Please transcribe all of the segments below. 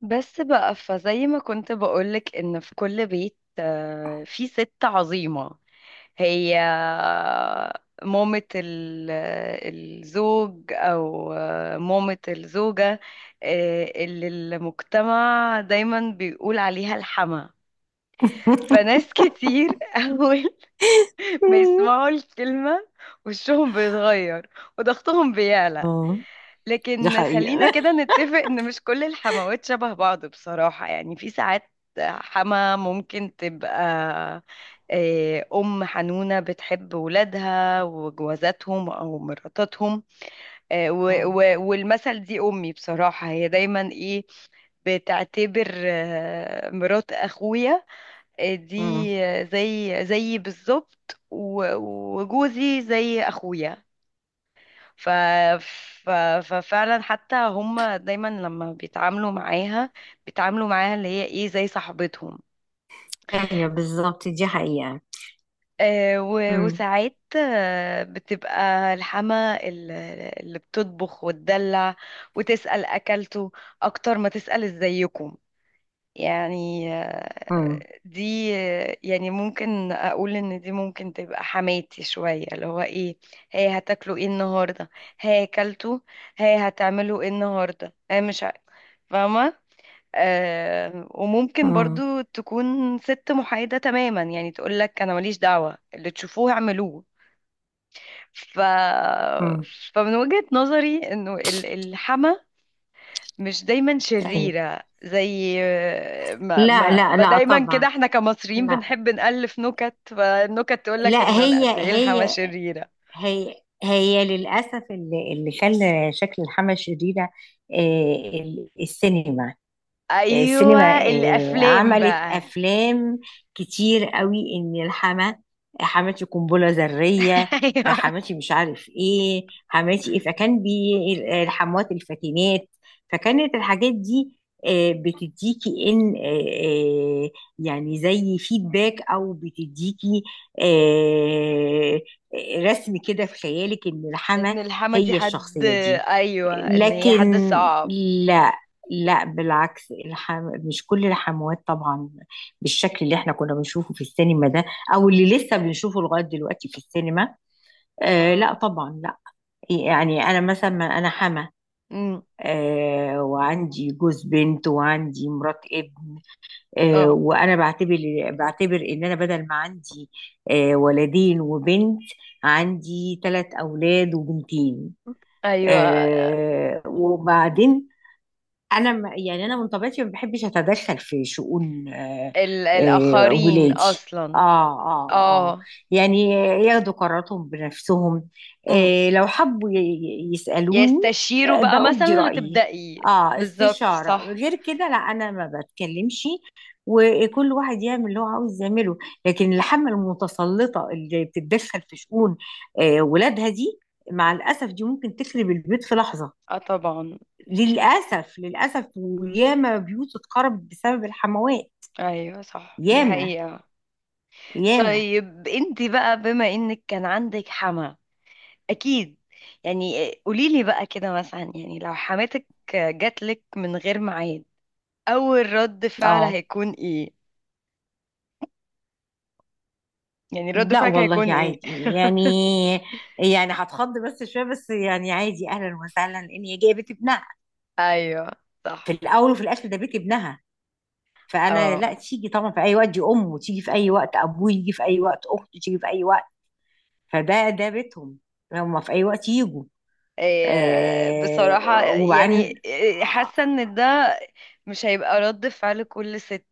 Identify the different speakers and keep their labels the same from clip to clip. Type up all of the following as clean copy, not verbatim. Speaker 1: بس بقى فزي ما كنت بقولك ان في كل بيت في ست عظيمة هي مامة ال- الزوج او مامة الزوجة، اللي المجتمع دايما بيقول عليها الحما. فناس كتير اول ما
Speaker 2: مم.
Speaker 1: يسمعوا الكلمة وشهم بيتغير وضغطهم بيعلى.
Speaker 2: اه، دي
Speaker 1: لكن
Speaker 2: حقيقة.
Speaker 1: خلينا كده نتفق ان مش كل الحموات شبه بعض، بصراحة يعني في ساعات حما ممكن تبقى أم حنونة بتحب ولادها وجوازاتهم أو مراتاتهم.
Speaker 2: آه.
Speaker 1: والمثل دي أمي، بصراحة هي دايما إيه، بتعتبر مرات أخويا، آه، دي
Speaker 2: مم.
Speaker 1: آه، زي بالظبط. وجوزي زي أخويا. ف... ف... ففعلا حتى هم دايما لما بيتعاملوا معاها، بيتعاملوا معاها اللي هي ايه زي صاحبتهم.
Speaker 2: ايوه، بالظبط، دي حقيقة. مم.
Speaker 1: وساعات بتبقى اللي بتطبخ وتدلع وتسأل أكلته أكتر ما تسأل إزيكم. يعني
Speaker 2: مم.
Speaker 1: آه، دي آه، يعني ممكن أقول إن دي ممكن تبقى حماتي شوية، اللي هو إيه، هي هتاكلوا إيه النهاردة، هي أكلته، هي هتعملوا إيه النهاردة، هي مش فاهمة. آه وممكن
Speaker 2: مم.
Speaker 1: برضو تكون ست محايدة تماما، يعني تقولك أنا ماليش دعوة اللي تشوفوه اعملوه. ف...
Speaker 2: مم.
Speaker 1: فمن وجهة نظري إنه الحما مش دايما
Speaker 2: ايوه.
Speaker 1: شريرة، زي ما,
Speaker 2: لا
Speaker 1: ما,
Speaker 2: لا
Speaker 1: ما
Speaker 2: لا
Speaker 1: دايما كده
Speaker 2: طبعا.
Speaker 1: احنا كمصريين
Speaker 2: لا.
Speaker 1: بنحب نألف نكت، فالنكت تقولك
Speaker 2: لا،
Speaker 1: إنه لا،
Speaker 2: هي
Speaker 1: قد إيه الحما
Speaker 2: هي
Speaker 1: شريرة.
Speaker 2: هي للأسف اللي خلى شكل الحمى شريرة. السينما.
Speaker 1: أيوة
Speaker 2: السينما
Speaker 1: الأفلام
Speaker 2: عملت
Speaker 1: بقى.
Speaker 2: افلام كتير قوي ان الحما، حماتي قنبله ذريه،
Speaker 1: أيوة،
Speaker 2: حماتي مش عارف ايه، حماتي ايه، فكان بي الحموات الفاتنات. فكانت الحاجات دي بتديكي ان يعني زي فيدباك، او بتديكي آه، رسم كده في خيالك ان الحما
Speaker 1: إن الحما دي
Speaker 2: هي
Speaker 1: حد،
Speaker 2: الشخصيه دي.
Speaker 1: أيوة إن هي حد
Speaker 2: لكن
Speaker 1: صعب.
Speaker 2: لا، لا بالعكس، مش كل الحموات طبعا بالشكل اللي احنا كنا بنشوفه في السينما ده، او اللي لسه بنشوفه لغايه دلوقتي في السينما. آه لا طبعا لا. يعني انا مثلا، ما انا حما.
Speaker 1: امم.
Speaker 2: وعندي جوز بنت وعندي مرات ابن.
Speaker 1: اه.
Speaker 2: وانا بعتبر ان انا بدل ما عندي ولدين وبنت، عندي ثلاث اولاد وبنتين.
Speaker 1: ايوه،
Speaker 2: وبعدين انا، يعني انا من طبيعتي ما بحبش اتدخل في شؤون
Speaker 1: الاخرين
Speaker 2: ولادي. اه
Speaker 1: اصلا.
Speaker 2: اه اه.
Speaker 1: اه.
Speaker 2: يعني ياخدوا قراراتهم بنفسهم.
Speaker 1: امم.
Speaker 2: لو حبوا يسالوني
Speaker 1: يستشيروا بقى
Speaker 2: بأبدي
Speaker 1: مثلا،
Speaker 2: رايي،
Speaker 1: هتبدأي.
Speaker 2: اه
Speaker 1: بالظبط
Speaker 2: استشاره،
Speaker 1: صح.
Speaker 2: غير كده لا انا ما بتكلمش. وكل واحد يعمل اللي هو عاوز يعمله. لكن الحمل المتسلطه اللي بتتدخل في شؤون ولادها دي، مع الاسف دي ممكن تخرب البيت في لحظه.
Speaker 1: اه طبعا.
Speaker 2: للأسف للأسف، وياما بيوت اتخرب بسبب الحموات.
Speaker 1: ايوه صح دي
Speaker 2: ياما
Speaker 1: حقيقة.
Speaker 2: ياما.
Speaker 1: طيب انت بقى، بما انك كان عندك حما اكيد، يعني قوليلي بقى كده مثلا، يعني لو حماتك جاتلك من غير ميعاد، اول رد فعل
Speaker 2: اه،
Speaker 1: هيكون ايه؟ يعني رد
Speaker 2: لا
Speaker 1: فعلك
Speaker 2: والله
Speaker 1: هيكون ايه؟
Speaker 2: عادي. يعني، يعني هتخض بس شوية، بس يعني عادي، أهلا وسهلا، لأن هي جاية بيت ابنها.
Speaker 1: ايوه
Speaker 2: في
Speaker 1: صح.
Speaker 2: الأول وفي الآخر ده بيت ابنها، فأنا لا،
Speaker 1: اه
Speaker 2: تيجي طبعا في أي وقت، دي أمه، تيجي في أي وقت، أبوه يجي في أي وقت، أخته تيجي في أي وقت. فده بيتهم، هما في أي وقت يجوا.
Speaker 1: بصراحة يعني
Speaker 2: وبعدين
Speaker 1: حاسة ان ده مش هيبقى رد فعل كل ست،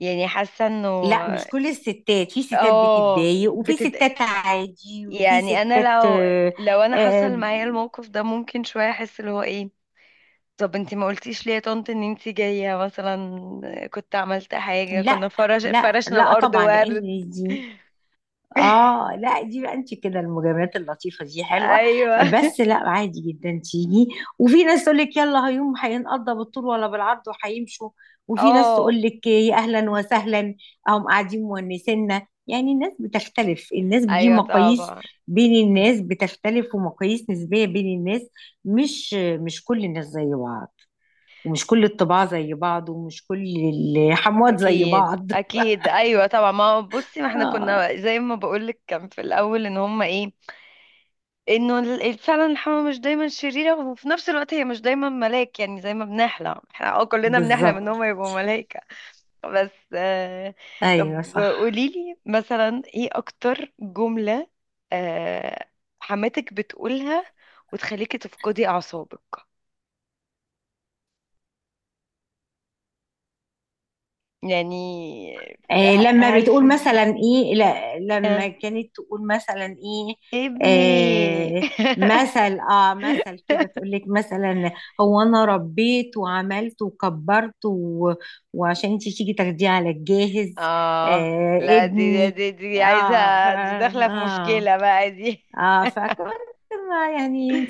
Speaker 1: يعني حاسة انه،
Speaker 2: لا، مش كل الستات، في ستات
Speaker 1: اه
Speaker 2: بتتضايق، وفي
Speaker 1: بتد،
Speaker 2: ستات عادي، وفي
Speaker 1: يعني انا
Speaker 2: ستات
Speaker 1: لو لو انا حصل
Speaker 2: آه،
Speaker 1: معايا الموقف ده ممكن شوية احس اللي هو ايه. طب انتي ما قلتيش ليه يا طنط ان انتي جاية مثلا، كنت عملت حاجة، كنا
Speaker 2: لا
Speaker 1: فرش
Speaker 2: لا
Speaker 1: فرشنا
Speaker 2: لا
Speaker 1: الارض
Speaker 2: طبعا.
Speaker 1: ورد.
Speaker 2: لان دي اه لا دي بقى، انت كده المجاملات اللطيفه دي حلوه،
Speaker 1: ايوه.
Speaker 2: بس لا عادي جدا تيجي. وفي ناس تقول لك يلا، هيوم هينقضى بالطول ولا بالعرض وهيمشوا، وفي ناس
Speaker 1: اه
Speaker 2: تقول لك يا اهلا وسهلا، هم قاعدين مونسينا. يعني الناس بتختلف، الناس دي
Speaker 1: ايوه
Speaker 2: مقاييس
Speaker 1: طبعا.
Speaker 2: بين الناس بتختلف، ومقاييس نسبيه بين الناس. مش مش كل الناس زي بعض، ومش كل الطباع زي بعض، ومش كل الحموات زي
Speaker 1: اكيد
Speaker 2: بعض.
Speaker 1: اكيد ايوه طبعا. ما هو بصي، ما احنا
Speaker 2: آه
Speaker 1: كنا زي ما بقولك، كان في الاول ان هما ايه، انه فعلا الحمامة مش دايما شريرة، وفي نفس الوقت هي مش دايما ملاك، يعني زي ما بنحلم احنا اه، كلنا بنحلم ان
Speaker 2: بالظبط.
Speaker 1: هم يبقوا ملايكة بس آه.
Speaker 2: ايوه
Speaker 1: طب
Speaker 2: صح.
Speaker 1: قوليلي مثلا ايه اكتر جملة آه حماتك بتقولها وتخليكي تفقدي اعصابك، يعني
Speaker 2: لما
Speaker 1: هل
Speaker 2: بتقول
Speaker 1: في
Speaker 2: مثلا ايه، لا
Speaker 1: آه.
Speaker 2: لما كانت تقول مثلا ايه،
Speaker 1: ابني؟
Speaker 2: آه مثل كده تقول لك مثلا: هو انا ربيت وعملت وكبرت وعشان انت تيجي تاخديه على الجاهز،
Speaker 1: اه لا، دي
Speaker 2: ابني.
Speaker 1: دي دي عايزة،
Speaker 2: اه ف...
Speaker 1: دي داخلة في
Speaker 2: اه
Speaker 1: مشكلة بقى دي.
Speaker 2: اه فكنت ما، يعني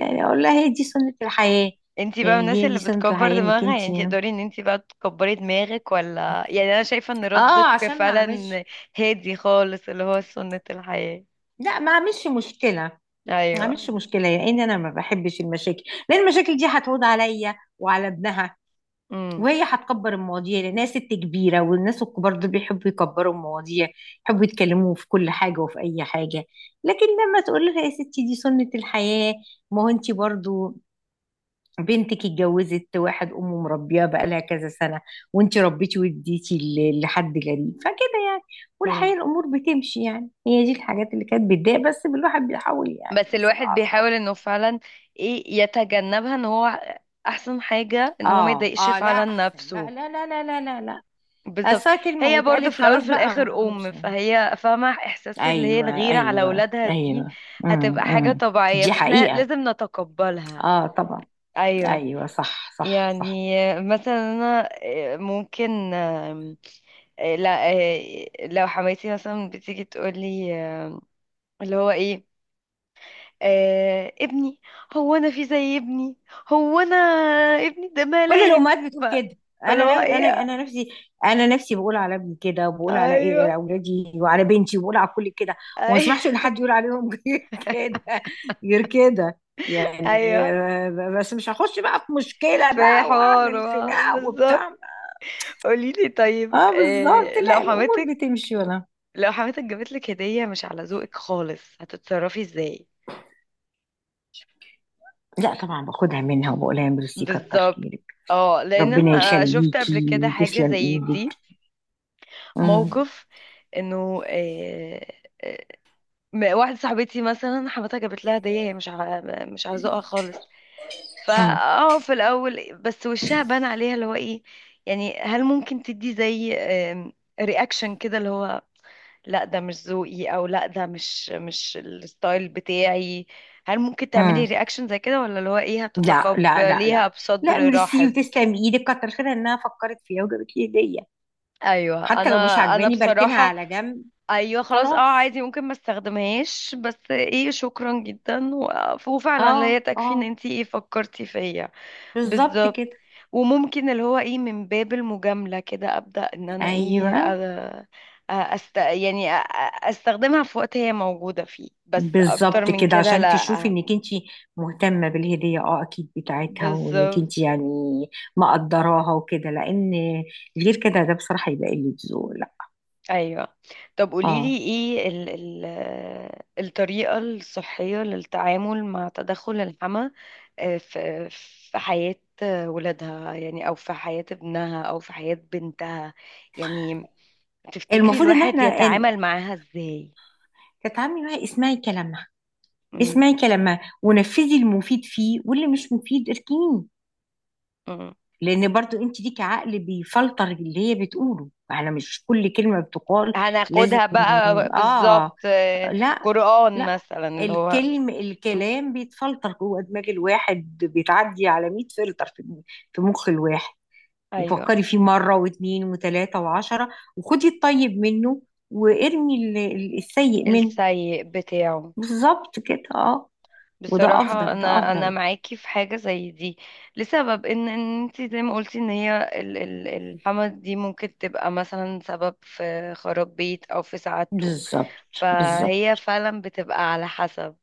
Speaker 2: يعني اقول لها هي دي سنة الحياة.
Speaker 1: انتي بقى من
Speaker 2: يعني
Speaker 1: الناس
Speaker 2: دي
Speaker 1: اللي
Speaker 2: دي سنة
Speaker 1: بتكبر
Speaker 2: الحياة انك
Speaker 1: دماغها،
Speaker 2: انت،
Speaker 1: يعني انتي تقدري ان انتي بقى تكبري دماغك ولا؟ يعني انا شايفة ان
Speaker 2: اه
Speaker 1: ردك
Speaker 2: عشان ما
Speaker 1: فعلا
Speaker 2: اعملش،
Speaker 1: هادي خالص، اللي هو سنة الحياة.
Speaker 2: لا ما اعملش مشكلة. ما عملش
Speaker 1: ايوه.
Speaker 2: مشكلة لأن أنا ما بحبش المشاكل، لأن المشاكل دي هتعود عليا وعلى ابنها،
Speaker 1: امم.
Speaker 2: وهي هتكبر المواضيع لأنها ست كبيرة، والناس الكبار دول بيحبوا يكبروا المواضيع، يحبوا يتكلموا في كل حاجة وفي أي حاجة. لكن لما تقول لها يا ستي دي سنة الحياة، ما هو أنت برضو بنتك اتجوزت واحد أمه مربياه بقالها كذا سنة، وأنت ربيتي واديتي لحد غريب، فكده يعني. والحقيقة
Speaker 1: امم.
Speaker 2: الأمور بتمشي، يعني هي دي الحاجات اللي كانت بتضايق، بس الواحد بيحاول يعني
Speaker 1: بس
Speaker 2: يمسك
Speaker 1: الواحد بيحاول
Speaker 2: أعصابه.
Speaker 1: انه فعلا ايه يتجنبها، ان هو احسن حاجة ان هو ما
Speaker 2: اه
Speaker 1: يضايقش
Speaker 2: اه، لا
Speaker 1: فعلا
Speaker 2: احسن، لا
Speaker 1: نفسه.
Speaker 2: لا لا لا لا لا لا.
Speaker 1: بالظبط.
Speaker 2: أصل كلمة
Speaker 1: هي برضو
Speaker 2: واتقالت
Speaker 1: في الاول
Speaker 2: خلاص
Speaker 1: وفي
Speaker 2: بقى
Speaker 1: الاخر ام،
Speaker 2: مش.
Speaker 1: فهي فاهمه احساس اللي هي
Speaker 2: ايوه
Speaker 1: الغيره على
Speaker 2: ايوه
Speaker 1: اولادها دي،
Speaker 2: ايوه.
Speaker 1: هتبقى حاجه
Speaker 2: امم.
Speaker 1: طبيعيه
Speaker 2: دي
Speaker 1: فاحنا
Speaker 2: حقيقة.
Speaker 1: لازم نتقبلها.
Speaker 2: اه طبعا.
Speaker 1: ايوه.
Speaker 2: ايوه صح صح صح.
Speaker 1: يعني مثلا انا آه، ممكن آم، آه، لا آه، لو حماتي مثلا بتيجي تقولي اللي هو ايه، آه ابني، هو انا في زي ابني، هو انا، ابني ده
Speaker 2: كل الامهات
Speaker 1: ملاك.
Speaker 2: بتقول كده.
Speaker 1: فاللي
Speaker 2: انا
Speaker 1: هو
Speaker 2: نف- انا
Speaker 1: ايه.
Speaker 2: انا نفسي، انا نفسي بقول على ابني كده، وبقول على ايه،
Speaker 1: ايوه.
Speaker 2: على اولادي وعلى بنتي، وبقول على كل كده. وما
Speaker 1: ايوه.
Speaker 2: اسمحش ان حد يقول عليهم غير كده، غير كده. يعني
Speaker 1: ايوه
Speaker 2: بس مش هخش بقى في مشكلة
Speaker 1: في
Speaker 2: بقى
Speaker 1: حوار،
Speaker 2: واعمل خناقة وبتاع.
Speaker 1: بالظبط. قوليلي طيب
Speaker 2: اه بالظبط، لا الامور بتمشي ولا.
Speaker 1: لو حماتك جابتلك هدية مش على ذوقك خالص، هتتصرفي ازاي؟
Speaker 2: لا طبعا، باخدها منها وبقول لها ميرسي كتر
Speaker 1: بالظبط.
Speaker 2: خيرك.
Speaker 1: اه لان
Speaker 2: ربنا
Speaker 1: انا شفت قبل كده
Speaker 2: يخليكي،
Speaker 1: حاجة
Speaker 2: تسلم
Speaker 1: زي دي،
Speaker 2: ايدك. مم.
Speaker 1: موقف انه آه، واحدة صاحبتي مثلا حماتها جابت لها هدية، هي مش على مش على ذوقها خالص، فا
Speaker 2: مم.
Speaker 1: اه في الاول بس وشها بان عليها اللي هو ايه، يعني هل ممكن تدي زي رياكشن كده، اللي هو لا ده مش ذوقي، او لا ده مش مش الستايل بتاعي، هل ممكن تعملي
Speaker 2: مم.
Speaker 1: رياكشن زي كده، ولا اللي هو ايه
Speaker 2: لا لا لا لا.
Speaker 1: هتتقبليها
Speaker 2: لا،
Speaker 1: بصدر
Speaker 2: ميرسي
Speaker 1: رحب؟
Speaker 2: وتسلم ايدك، كتر خيرها انها فكرت فيها وجابت لي هديه.
Speaker 1: ايوه.
Speaker 2: حتى
Speaker 1: انا
Speaker 2: لو مش
Speaker 1: انا
Speaker 2: عجباني بركنها
Speaker 1: بصراحه
Speaker 2: على جنب.
Speaker 1: ايوه خلاص اه
Speaker 2: خلاص.
Speaker 1: عادي، ممكن ما استخدمهاش بس ايه شكرا جدا، وفعلا
Speaker 2: اه
Speaker 1: لا هي
Speaker 2: اه،
Speaker 1: تكفي ان انتي ايه فكرتي فيا.
Speaker 2: بالظبط
Speaker 1: بالظبط.
Speaker 2: كده.
Speaker 1: وممكن اللي هو ايه من باب المجاملة كده ابدأ ان انا ايه،
Speaker 2: ايوه
Speaker 1: أ- أ- أست... يعني أ- أ- استخدمها في وقت هي موجودة فيه، بس اكتر
Speaker 2: بالظبط
Speaker 1: من
Speaker 2: كده،
Speaker 1: كده
Speaker 2: عشان تشوفي
Speaker 1: لا.
Speaker 2: انك انت مهتمه بالهديه، اه اكيد بتاعتها، وانك انت
Speaker 1: بالظبط.
Speaker 2: يعني مقدراها وكده. لان غير كده ده بصراحه يبقى قله ذوق، لا.
Speaker 1: ايوه طب قوليلي
Speaker 2: اه.
Speaker 1: ايه الطريقة الصحية للتعامل مع تدخل الحمى في في حياة ولادها، يعني او في حياة ابنها او في حياة بنتها، يعني تفتكري
Speaker 2: المفروض ان
Speaker 1: الواحد
Speaker 2: احنا
Speaker 1: يتعامل معاها ازاي؟
Speaker 2: تتعاملي معاها، اسمعي كلامها،
Speaker 1: مم.
Speaker 2: اسمعي كلامها ونفذي المفيد فيه، واللي مش مفيد اركنيه.
Speaker 1: مم.
Speaker 2: لان برضو انت ليكي عقل بيفلتر اللي هي بتقوله، على مش كل كلمه بتقال. لازم.
Speaker 1: هناخدها بقى بالظبط،
Speaker 2: اه. لا
Speaker 1: قرآن
Speaker 2: لا.
Speaker 1: مثلا اللي هو. مم.
Speaker 2: الكلام بيتفلتر جوه دماغ الواحد، بيتعدي على 100 فلتر في مخ الواحد.
Speaker 1: ايوه
Speaker 2: وفكري فيه مرة واثنين وثلاثة وعشرة، وخدي الطيب منه، وارمي السيء منه.
Speaker 1: السيء بتاعه.
Speaker 2: بالظبط كده اه. وده
Speaker 1: بصراحة
Speaker 2: افضل، ده
Speaker 1: انا
Speaker 2: افضل.
Speaker 1: معاكي في حاجة زي دي، لسبب ان ان انت زي ما قلتي ان هي الحما دي ممكن تبقى مثلا سبب في خراب بيت او في سعادته،
Speaker 2: بالظبط
Speaker 1: فهي
Speaker 2: بالظبط.
Speaker 1: فعلا بتبقى على حسب.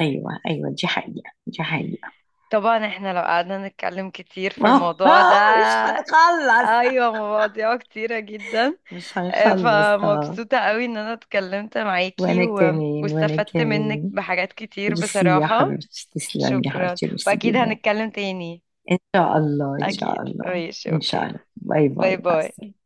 Speaker 2: ايوه ايوه، دي حقيقة، دي حقيقة.
Speaker 1: طبعا احنا لو قعدنا نتكلم كتير في الموضوع
Speaker 2: اه
Speaker 1: ده.
Speaker 2: مش هنخلص.
Speaker 1: ايوه مواضيع كتيرة جدا.
Speaker 2: مش هنخلص اه.
Speaker 1: فمبسوطة قوي ان انا اتكلمت معاكي
Speaker 2: وانا كمان، وانا
Speaker 1: واستفدت منك
Speaker 2: كمان.
Speaker 1: بحاجات كتير
Speaker 2: ميرسي يا
Speaker 1: بصراحة.
Speaker 2: حبيبتي، تسلمي يا
Speaker 1: شكرا
Speaker 2: حبيبتي، ميرسي
Speaker 1: واكيد
Speaker 2: جدا.
Speaker 1: هنتكلم تاني.
Speaker 2: ان شاء الله ان شاء
Speaker 1: اكيد
Speaker 2: الله.
Speaker 1: ماشي
Speaker 2: ان شاء
Speaker 1: اوكي.
Speaker 2: الله، باي
Speaker 1: باي
Speaker 2: باي، مع
Speaker 1: باي.
Speaker 2: السلامه.